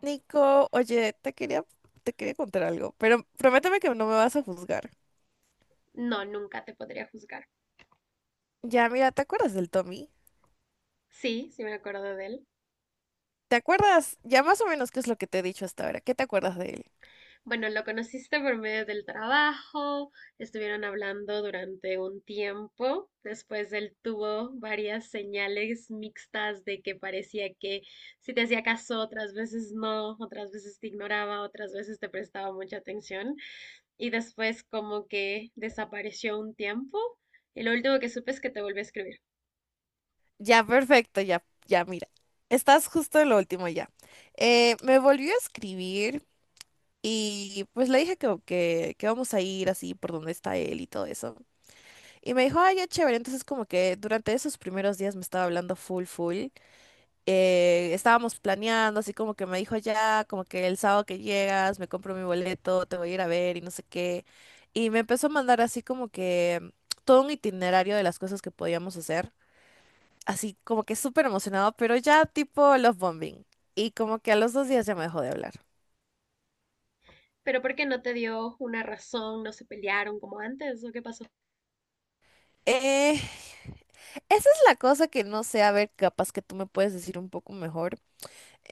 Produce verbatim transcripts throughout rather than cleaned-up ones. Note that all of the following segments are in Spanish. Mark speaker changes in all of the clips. Speaker 1: Nico, oye, te quería, te quería contar algo, pero prométeme que no me vas a juzgar.
Speaker 2: No, nunca te podría juzgar.
Speaker 1: Ya, mira, ¿te acuerdas del Tommy?
Speaker 2: Sí, sí me acuerdo de él.
Speaker 1: ¿Te acuerdas? Ya más o menos qué es lo que te he dicho hasta ahora. ¿Qué te acuerdas de él?
Speaker 2: Bueno, lo conociste por medio del trabajo, estuvieron hablando durante un tiempo, después él tuvo varias señales mixtas de que parecía que si te hacía caso, otras veces no, otras veces te ignoraba, otras veces te prestaba mucha atención y después como que desapareció un tiempo y lo último que supe es que te volvió a escribir.
Speaker 1: Ya, perfecto, ya, ya, mira. Estás justo en lo último ya. Eh, me volvió a escribir y pues le dije que, que, que vamos a ir así por donde está él y todo eso. Y me dijo, ay, ya chévere. Entonces como que durante esos primeros días me estaba hablando full, full. Eh, estábamos planeando, así como que me dijo ya, como que el sábado que llegas, me compro mi boleto, te voy a ir a ver y no sé qué. Y me empezó a mandar así como que mm, todo un itinerario de las cosas que podíamos hacer, así como que súper emocionado, pero ya tipo love bombing. Y como que a los dos días ya me dejó de hablar.
Speaker 2: Pero ¿por qué no te dio una razón? ¿No se pelearon como antes o qué pasó?
Speaker 1: Eh, Esa es la cosa que no sé, a ver, capaz que tú me puedes decir un poco mejor.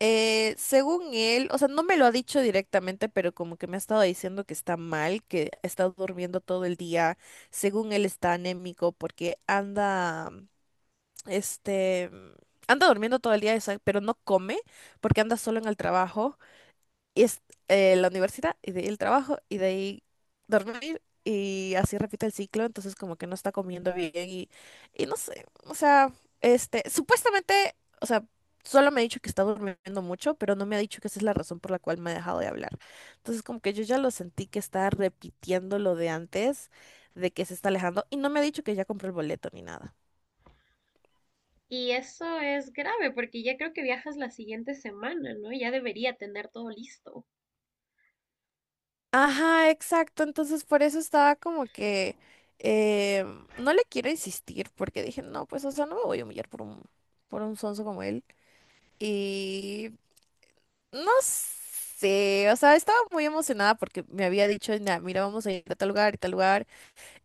Speaker 1: Eh, según él, o sea, no me lo ha dicho directamente, pero como que me ha estado diciendo que está mal, que ha estado durmiendo todo el día. Según él está anémico porque anda, mm, este, anda durmiendo todo el día, o sea, pero no come porque anda solo en el trabajo y es eh, la universidad y de ahí el trabajo y de ahí dormir y así repite el ciclo, entonces como que no está comiendo bien y, y no sé, o sea, este, supuestamente, o sea, solo me ha dicho que está durmiendo mucho, pero no me ha dicho que esa es la razón por la cual me ha dejado de hablar. Entonces como que yo ya lo sentí que está repitiendo lo de antes, de que se está alejando y no me ha dicho que ya compró el boleto ni nada.
Speaker 2: Y eso es grave porque ya creo que viajas la siguiente semana, ¿no? Ya debería tener todo listo.
Speaker 1: Ajá, exacto. Entonces por eso estaba como que eh, no le quiero insistir porque dije, no, pues o sea, no me voy a humillar por un, por un sonso como él. Y no sé, o sea, estaba muy emocionada porque me había dicho, "Nah, mira, vamos a ir a tal lugar y tal lugar".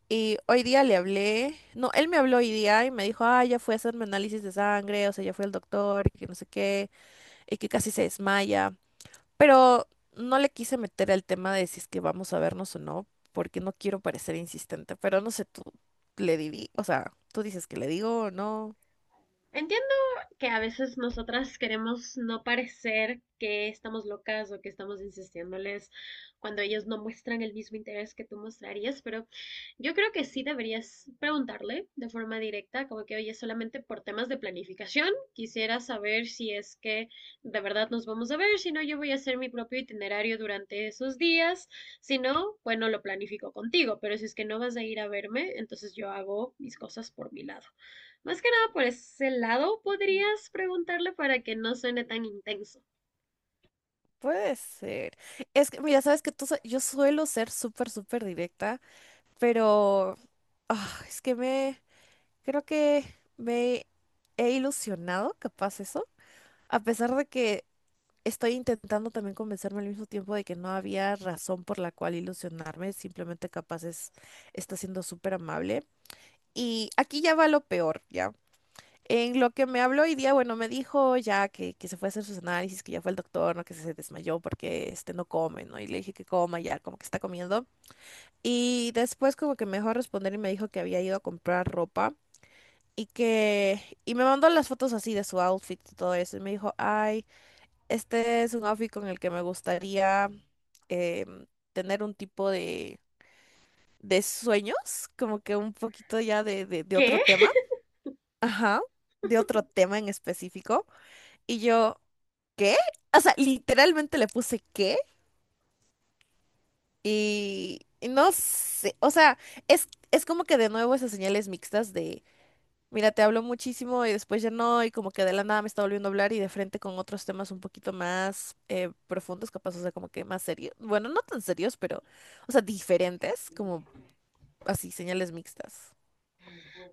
Speaker 1: Y hoy día le hablé, no, él me habló hoy día y me dijo, ah, ya fue a hacerme análisis de sangre, o sea, ya fue al doctor, y que no sé qué, y que casi se desmaya. Pero no le quise meter el tema de si es que vamos a vernos o no, porque no quiero parecer insistente, pero no sé, tú le di, o sea, tú dices que le digo o no.
Speaker 2: Entiendo que a veces nosotras queremos no parecer que estamos locas o que estamos insistiéndoles cuando ellos no muestran el mismo interés que tú mostrarías, pero yo creo que sí deberías preguntarle de forma directa, como que, oye, solamente por temas de planificación, quisiera saber si es que de verdad nos vamos a ver, si no, yo voy a hacer mi propio itinerario durante esos días, si no, bueno, lo planifico contigo, pero si es que no vas a ir a verme, entonces yo hago mis cosas por mi lado. Más que nada por ese lado podrías preguntarle para que no suene tan intenso.
Speaker 1: Puede ser. Es que, mira, sabes que tú, sa- yo suelo ser súper, súper directa, pero ah, es que me, creo que me he ilusionado, capaz eso, a pesar de que estoy intentando también convencerme al mismo tiempo de que no había razón por la cual ilusionarme, simplemente capaz es, está siendo súper amable. Y aquí ya va lo peor, ¿ya? En lo que me habló hoy día, bueno, me dijo ya que, que se fue a hacer sus análisis, que ya fue el doctor, ¿no? Que se desmayó porque este no come, ¿no? Y le dije que coma ya, como que está comiendo. Y después como que me dejó responder y me dijo que había ido a comprar ropa y que... Y me mandó las fotos así de su outfit y todo eso. Y me dijo, ay. Este es un outfit con el que me gustaría em, tener un tipo de, de sueños, como que un poquito ya de, de, de otro
Speaker 2: ¿Qué?
Speaker 1: tema. Ajá, de otro tema en específico. Y yo, ¿qué? O sea, literalmente le puse ¿qué? Y, y no sé, o sea, es, es como que de nuevo esas señales mixtas de mira, te hablo muchísimo y después ya no, y como que de la nada me está volviendo a hablar y de frente con otros temas un poquito más eh, profundos, capaz, o sea, como que más serios. Bueno, no tan serios, pero, o sea, diferentes, como así, señales mixtas.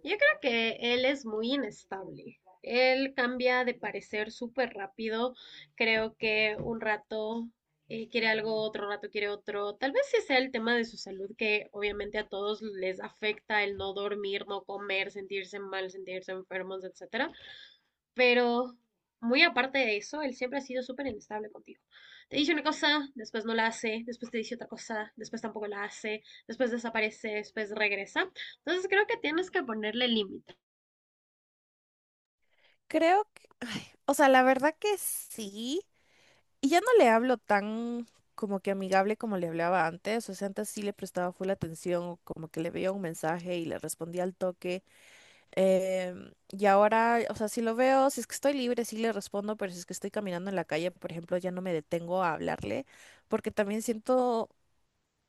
Speaker 2: Yo creo que él es muy inestable. Él cambia de parecer súper rápido. Creo que un rato eh, quiere algo, otro rato quiere otro. Tal vez sí sea el tema de su salud que obviamente a todos les afecta el no dormir, no comer, sentirse mal, sentirse enfermos, etcétera. Pero muy aparte de eso, él siempre ha sido súper inestable contigo. Te dice una cosa, después no la hace, después te dice otra cosa, después tampoco la hace, después desaparece, después regresa. Entonces creo que tienes que ponerle límite.
Speaker 1: Creo que, ay, o sea, la verdad que sí. Y ya no le hablo tan como que amigable como le hablaba antes, o sea, antes sí le prestaba full atención, o como que le veía un mensaje y le respondía al toque. Em, y ahora, o sea, si lo veo, si es que estoy libre, sí le respondo, pero si es que estoy caminando en la calle, por ejemplo, ya no me detengo a hablarle, porque también siento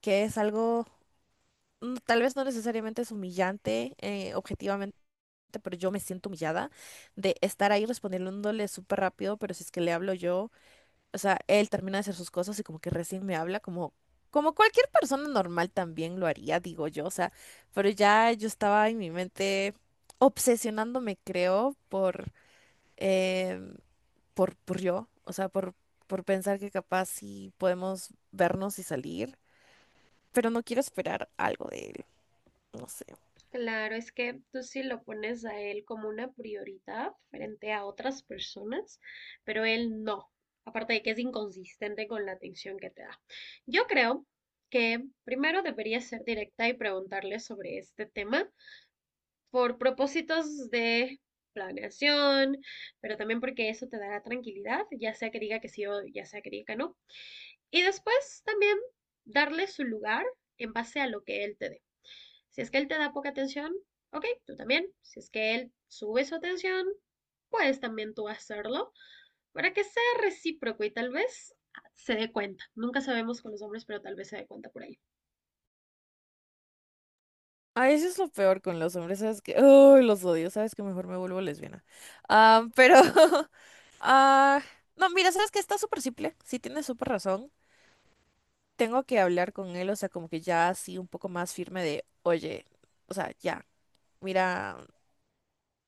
Speaker 1: que es algo, mm, tal vez no necesariamente es humillante, eh, objetivamente, pero yo me siento humillada de estar ahí respondiéndole súper rápido, pero si es que le hablo yo o sea, él termina de hacer sus cosas y como que recién me habla, como, como cualquier persona normal también lo haría, digo yo, o sea, pero ya yo estaba en mi mente obsesionándome, creo, por, em, por, por yo, o sea, por, por pensar que capaz sí podemos vernos y salir, pero no quiero esperar algo de él, no sé.
Speaker 2: Claro, es que tú sí lo pones a él como una prioridad frente a otras personas, pero él no. Aparte de que es inconsistente con la atención que te da. Yo creo que primero deberías ser directa y preguntarle sobre este tema por propósitos de planeación, pero también porque eso te dará tranquilidad, ya sea que diga que sí o ya sea que diga que no. Y después también darle su lugar en base a lo que él te dé. Si es que él te da poca atención, ok, tú también. Si es que él sube su atención, puedes también tú hacerlo para que sea recíproco y tal vez se dé cuenta. Nunca sabemos con los hombres, pero tal vez se dé cuenta por ahí.
Speaker 1: Ah, eso es lo peor con los hombres, ¿sabes que Uy, los odio, ¿sabes que Mejor me vuelvo lesbiana. Ah, pero... ah, no, mira, ¿sabes que Está súper simple, sí tienes súper razón. Tengo que hablar con él, o sea, como que ya así un poco más firme de, oye, o sea, ya, mira,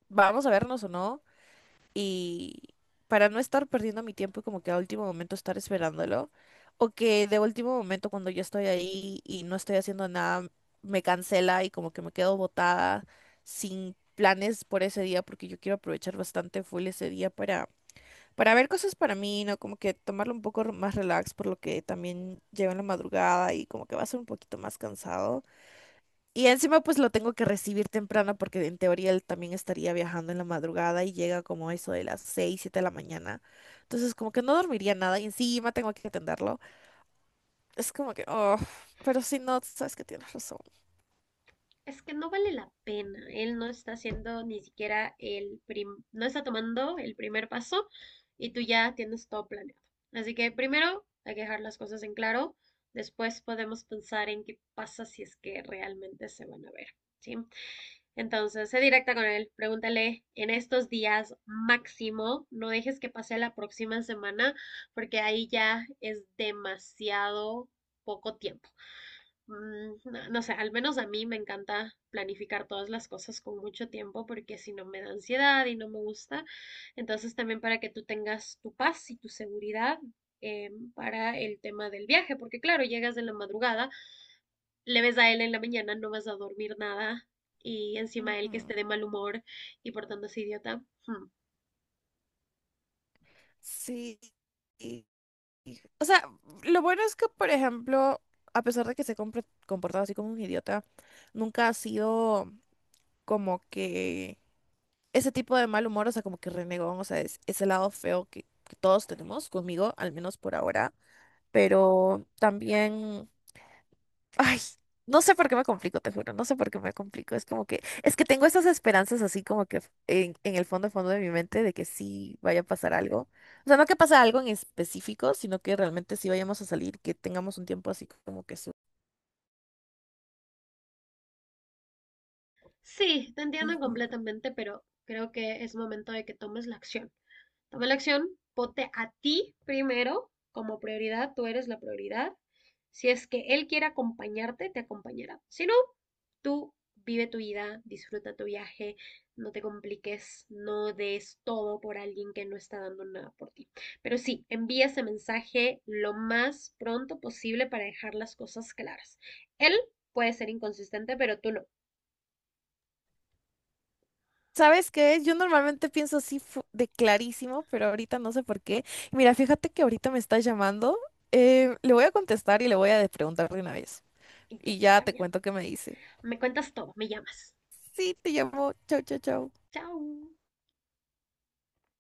Speaker 1: vamos a vernos o no y para no estar perdiendo mi tiempo y como que a último momento estar esperándolo, o que de último momento cuando yo estoy ahí y no estoy haciendo nada, me cancela y como que me quedo botada sin planes por ese día porque yo quiero aprovechar bastante full ese día para, para ver cosas para mí, ¿no? Como que tomarlo un poco más relax por lo que también llego en la madrugada y como que va a ser un poquito más cansado. Y encima pues lo tengo que recibir temprano porque en teoría él también estaría viajando en la madrugada y llega como eso de las seis siete de la mañana. Entonces como que no dormiría nada y encima tengo que atenderlo. Es como que, oh, pero si no, sabes que tienes razón.
Speaker 2: Es que no vale la pena. Él no está haciendo ni siquiera el prim, no está tomando el primer paso y tú ya tienes todo planeado. Así que primero hay que dejar las cosas en claro. Después podemos pensar en qué pasa si es que realmente se van a ver. ¿Sí? Entonces, sé directa con él. Pregúntale en estos días máximo. No dejes que pase la próxima semana porque ahí ya es demasiado poco tiempo mm, No, no sé, al menos a mí me encanta planificar todas las cosas con mucho tiempo porque si no me da ansiedad y no me gusta. Entonces también para que tú tengas tu paz y tu seguridad eh, para el tema del viaje, porque claro, llegas de la madrugada, le ves a él en la mañana, no vas a dormir nada y encima
Speaker 1: Ujú.
Speaker 2: él que esté de mal humor y portándose idiota. Hmm.
Speaker 1: Sí. y- y- O sea, lo bueno es que, por ejemplo, a pesar de que se ha compre- comportado así como un idiota, nunca ha sido como que ese tipo de mal humor, o sea, como que renegón, o sea, es ese lado feo que, que todos tenemos conmigo, al menos por ahora, pero también, ay, no sé por qué me complico, te juro, no sé por qué me complico, es como que, es que tengo esas esperanzas así como que en, en el fondo, fondo de mi mente de que sí vaya a pasar algo, o sea, no que pase algo en específico, sino que realmente sí vayamos a salir, que tengamos un tiempo así como que su...
Speaker 2: Sí, te entiendo
Speaker 1: Ujú.
Speaker 2: completamente, pero creo que es momento de que tomes la acción. Toma la acción, ponte a ti primero como prioridad, tú eres la prioridad. Si es que él quiere acompañarte, te acompañará. Si no, tú vive tu vida, disfruta tu viaje, no te compliques, no des todo por alguien que no está dando nada por ti. Pero sí, envía ese mensaje lo más pronto posible para dejar las cosas claras. Él puede ser inconsistente, pero tú no.
Speaker 1: ¿Sabes qué? Yo normalmente pienso así fu- de clarísimo, pero ahorita no sé por qué. Mira, fíjate que ahorita me está llamando. Eh, le voy a contestar y le voy a de- preguntar de una vez.
Speaker 2: Y ya
Speaker 1: Y ya
Speaker 2: está
Speaker 1: te
Speaker 2: bien.
Speaker 1: cuento qué me dice.
Speaker 2: Me cuentas todo, me llamas.
Speaker 1: Sí, te llamo. Chau, chau, chau.
Speaker 2: Chao.